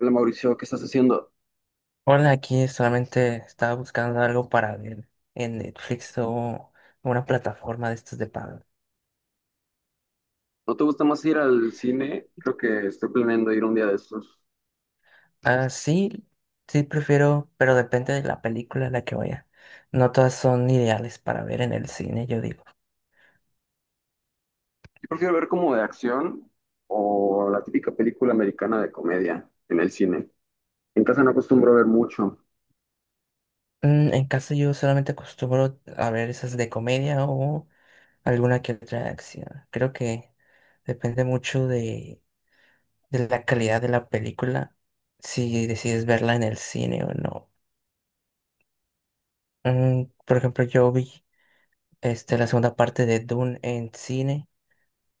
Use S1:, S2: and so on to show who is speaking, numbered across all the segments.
S1: Hola Mauricio, ¿qué estás haciendo?
S2: Hola, aquí solamente estaba buscando algo para ver en Netflix o una plataforma de estos de pago.
S1: ¿No te gusta más ir al cine? Creo que estoy planeando ir un día de estos.
S2: Ah, sí, sí prefiero, pero depende de la película a la que vaya. No todas son ideales para ver en el cine, yo digo.
S1: Yo prefiero ver como de acción o la típica película americana de comedia en el cine. En casa no acostumbro a ver mucho.
S2: Mm, en casa yo solamente acostumbro a ver esas de comedia o alguna que otra de acción. Creo que depende mucho de la calidad de la película, si decides verla en el cine o no. Mm, por ejemplo, yo vi la segunda parte de Dune en cine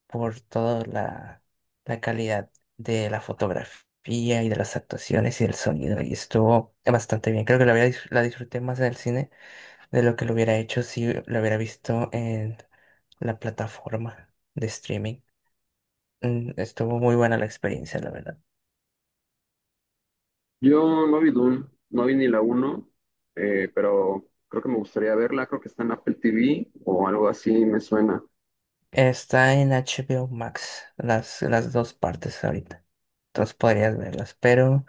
S2: por toda la calidad de la fotografía y de las actuaciones y del sonido. Y estuvo bastante bien. Creo que la disfruté más en el cine de lo que lo hubiera hecho si lo hubiera visto en la plataforma de streaming. Estuvo muy buena la experiencia, la verdad.
S1: Yo no vi Dune, no vi ni la uno, pero creo que me gustaría verla. Creo que está en Apple TV o algo así, me suena.
S2: Está en HBO Max, las dos partes ahorita. Entonces podrías verlas, pero...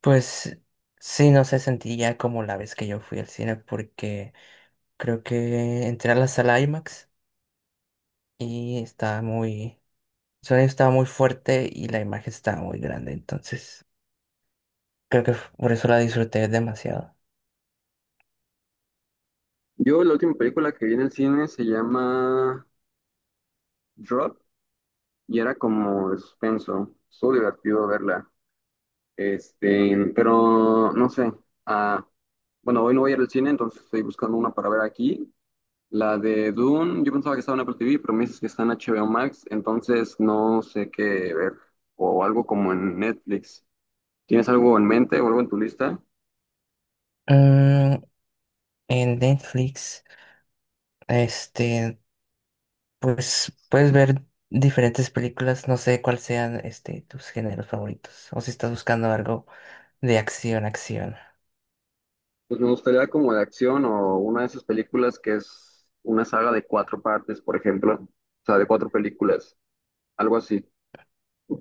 S2: Pues sí, no se sentiría como la vez que yo fui al cine porque creo que entré a la sala IMAX y el sonido estaba muy fuerte y la imagen estaba muy grande, entonces creo que por eso la disfruté demasiado.
S1: Yo la última película que vi en el cine se llama Drop y era como de suspenso. Estuvo divertido verla. Pero no sé. Ah, bueno, hoy no voy a ir al cine, entonces estoy buscando una para ver aquí. La de Dune, yo pensaba que estaba en Apple TV, pero me dices que está en HBO Max, entonces no sé qué ver. O algo como en Netflix. ¿Tienes algo en mente o algo en tu lista?
S2: Mm, en Netflix, este, pues puedes ver diferentes películas, no sé cuáles sean tus géneros favoritos o si estás buscando algo de acción, acción.
S1: Pues me gustaría como de acción o una de esas películas que es una saga de cuatro partes, por ejemplo. O sea, de cuatro películas, algo así.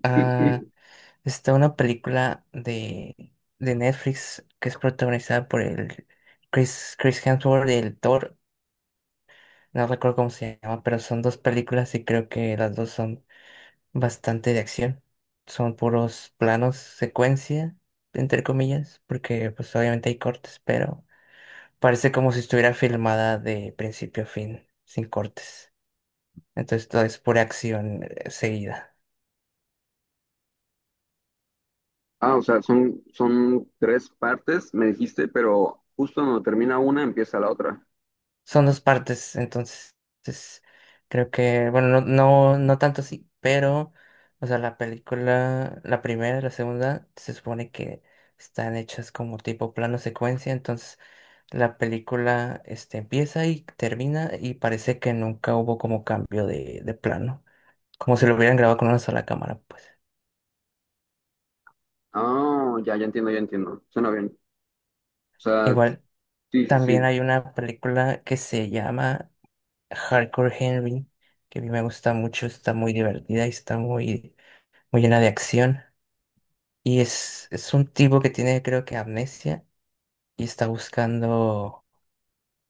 S2: Ah, está una película de Netflix que es protagonizada por el Chris Hemsworth y el Thor. No recuerdo cómo se llama, pero son dos películas y creo que las dos son bastante de acción. Son puros planos, secuencia, entre comillas, porque pues obviamente hay cortes, pero parece como si estuviera filmada de principio a fin, sin cortes. Entonces todo es pura acción seguida.
S1: Ah, o sea, son tres partes, me dijiste, pero justo cuando termina una, empieza la otra.
S2: Son dos partes, entonces, es creo que, bueno, no tanto así, pero, o sea, la película, la primera y la segunda, se supone que están hechas como tipo plano secuencia, entonces la película, empieza y termina y parece que nunca hubo como cambio de plano, como si lo hubieran grabado con una sola cámara, pues.
S1: Ah, ya entiendo, ya entiendo. Suena bien. O sea,
S2: Igual,
S1: sí, sí,
S2: también
S1: sí.
S2: hay una película que se llama Hardcore Henry, que a mí me gusta mucho, está muy divertida y está muy llena de acción. Y es un tipo que tiene, creo que, amnesia y está buscando,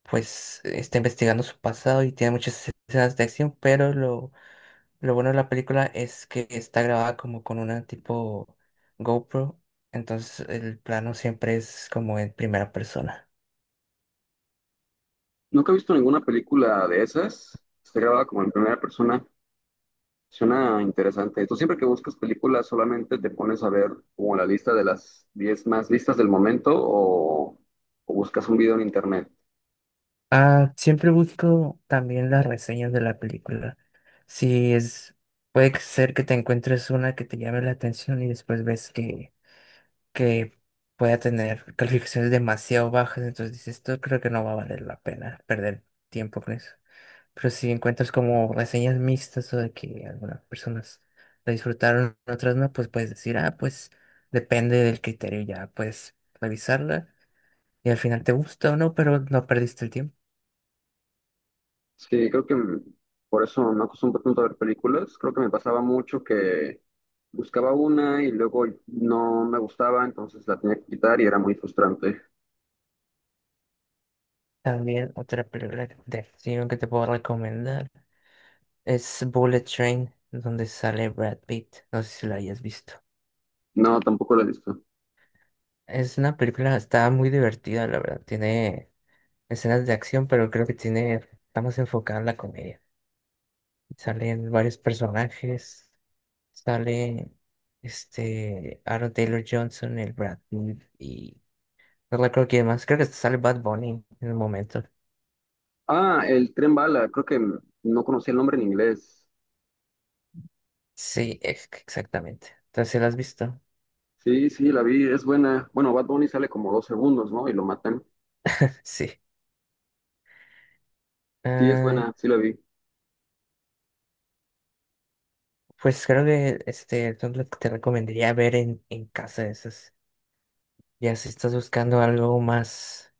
S2: pues, está investigando su pasado y tiene muchas escenas de acción, pero lo bueno de la película es que está grabada como con una tipo GoPro, entonces el plano siempre es como en primera persona.
S1: Nunca he visto ninguna película de esas. Está grabada como en primera persona. Suena interesante. Tú siempre que buscas películas solamente te pones a ver como la lista de las 10 más listas del momento o buscas un video en internet.
S2: Ah, siempre busco también las reseñas de la película. Si es, puede ser que te encuentres una que te llame la atención y después ves que pueda tener calificaciones demasiado bajas, entonces dices, esto creo que no va a valer la pena perder tiempo con eso. Pero si encuentras como reseñas mixtas o de que algunas personas la disfrutaron, otras no, pues puedes decir, ah, pues depende del criterio, ya puedes revisarla y al final te gusta o no, pero no perdiste el tiempo.
S1: Sí, creo que por eso me acostumbro tanto a ver películas. Creo que me pasaba mucho que buscaba una y luego no me gustaba, entonces la tenía que quitar y era muy frustrante.
S2: También otra película de acción que te puedo recomendar es Bullet Train, donde sale Brad Pitt. No sé si la hayas visto.
S1: No, tampoco la he visto.
S2: Es una película, está muy divertida, la verdad. Tiene escenas de acción, pero creo que tiene, está más enfocada en la comedia. Salen varios personajes, sale Aaron Taylor Johnson, el Brad Pitt y no recuerdo quién más. Creo que hasta sale Bad Bunny en el momento.
S1: Ah, El Tren Bala, creo que no conocía el nombre en inglés.
S2: Sí, exactamente. Entonces, ¿sí, ¿la has visto?
S1: Sí, sí, la vi, es buena. Bueno, Bad Bunny sale como 2 segundos, ¿no? Y lo matan.
S2: Sí.
S1: Sí, es
S2: Ah,
S1: buena, sí la vi.
S2: pues creo que son las que te recomendaría ver en casa esas. Ya si estás buscando algo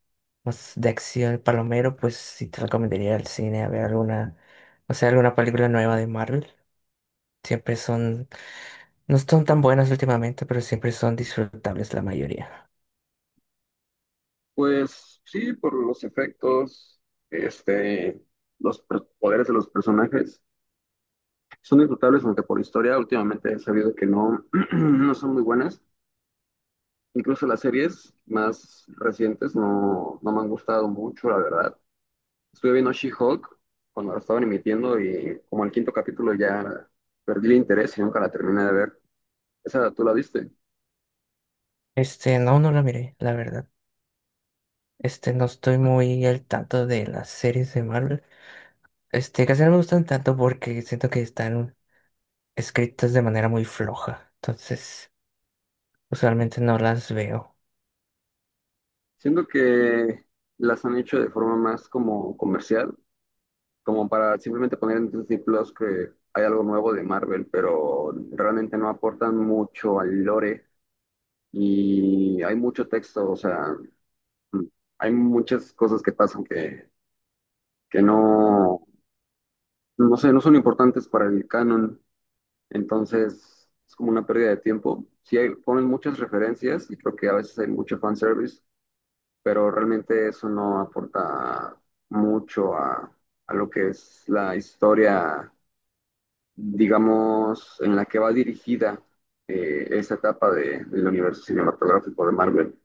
S2: más de acción palomero, pues sí te recomendaría ir al cine a ver alguna, o sea, alguna película nueva de Marvel. Siempre son, no son tan buenas últimamente, pero siempre son disfrutables la mayoría.
S1: Pues sí, por los efectos, este, los poderes de los personajes. Son disfrutables, aunque por historia últimamente he sabido que no son muy buenas. Incluso las series más recientes no me han gustado mucho, la verdad. Estuve viendo She-Hulk cuando la estaban emitiendo y como el quinto capítulo ya perdí el interés y nunca la terminé de ver. Esa tú la viste.
S2: No, no la miré, la verdad. No estoy muy al tanto de las series de Marvel. Casi no me gustan tanto porque siento que están escritas de manera muy floja. Entonces, usualmente no las veo.
S1: Siento que las han hecho de forma más como comercial, como para simplemente poner en Disney Plus que hay algo nuevo de Marvel, pero realmente no aportan mucho al lore y hay mucho texto, o sea, mm, hay muchas cosas que pasan que no sé, no son importantes para el canon, entonces es como una pérdida de tiempo. Ponen muchas referencias y creo que a veces hay mucho fanservice, pero realmente eso no aporta mucho a, a lo que es la historia, digamos, en la que va dirigida esa del universo cinematográfico de Marvel.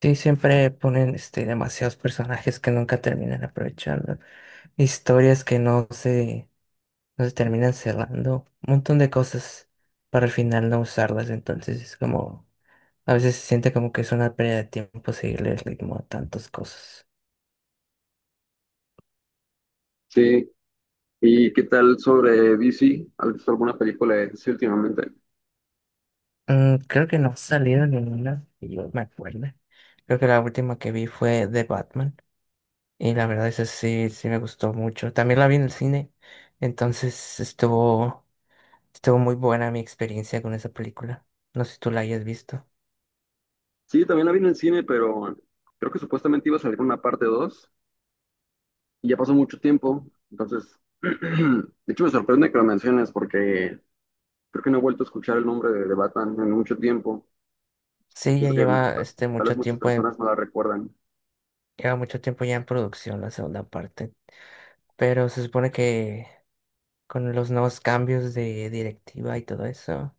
S2: Sí, siempre ponen demasiados personajes que nunca terminan aprovechando. Historias que no se terminan cerrando. Un montón de cosas para al final no usarlas. Entonces es como, a veces se siente como que es una pérdida de tiempo seguirle el ritmo a tantas cosas.
S1: Sí. ¿Y qué tal sobre DC? ¿Has visto alguna película de DC últimamente?
S2: Mm, creo que no ha salido ninguna que yo me acuerde. Creo que la última que vi fue de Batman. Y la verdad, esa sí, sí me gustó mucho. También la vi en el cine, entonces estuvo muy buena mi experiencia con esa película. No sé si tú la hayas visto.
S1: Sí, también la vi en el cine, pero creo que supuestamente iba a salir una parte 2 y ya pasó mucho tiempo. Entonces, de hecho me sorprende que lo menciones porque creo que no he vuelto a escuchar el nombre de Batman en mucho tiempo.
S2: Sí, ya
S1: Siento que
S2: lleva
S1: ta- tal vez
S2: mucho
S1: muchas
S2: tiempo
S1: personas no la recuerdan.
S2: lleva mucho tiempo ya en producción la segunda parte. Pero se supone que con los nuevos cambios de directiva y todo eso,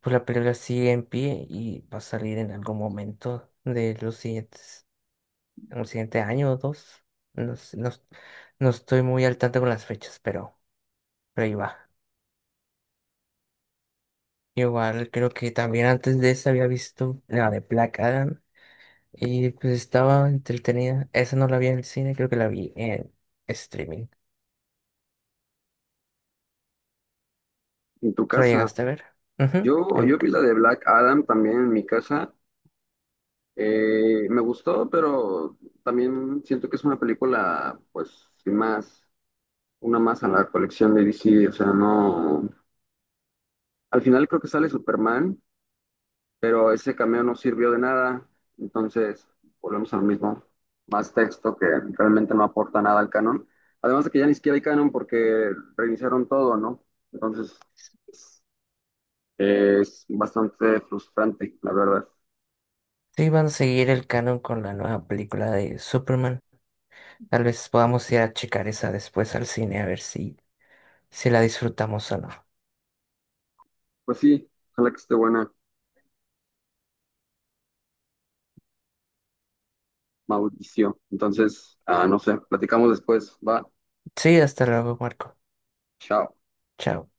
S2: pues la película sigue en pie y va a salir en algún momento de en el siguiente año o dos. No, sé, no, no estoy muy al tanto con las fechas, pero. Pero ahí va. Igual creo que también antes de esa había visto la de Black Adam y pues estaba entretenida. Esa no la vi en el cine, creo que la vi en streaming.
S1: En tu
S2: ¿Tú la
S1: casa,
S2: llegaste a ver? Ujú, en mi
S1: yo vi la
S2: casa.
S1: de Black Adam también en mi casa. Me gustó, pero también siento que es una película, pues, sin más. Una más a la colección de DC, o sea, no. Al final creo que sale Superman, pero ese cameo no sirvió de nada, entonces volvemos a lo mismo. Más texto que realmente no aporta nada al canon. Además de que ya ni siquiera hay canon porque reiniciaron todo, ¿no? Entonces es bastante frustrante, la verdad.
S2: Sí, van a seguir el canon con la nueva película de Superman. Tal vez podamos ir a checar esa después al cine a ver si la disfrutamos o no.
S1: Pues sí, ojalá que esté buena, Mauricio. Entonces, no sé, platicamos después. Va,
S2: Sí, hasta luego, Marco.
S1: chao.
S2: Chao.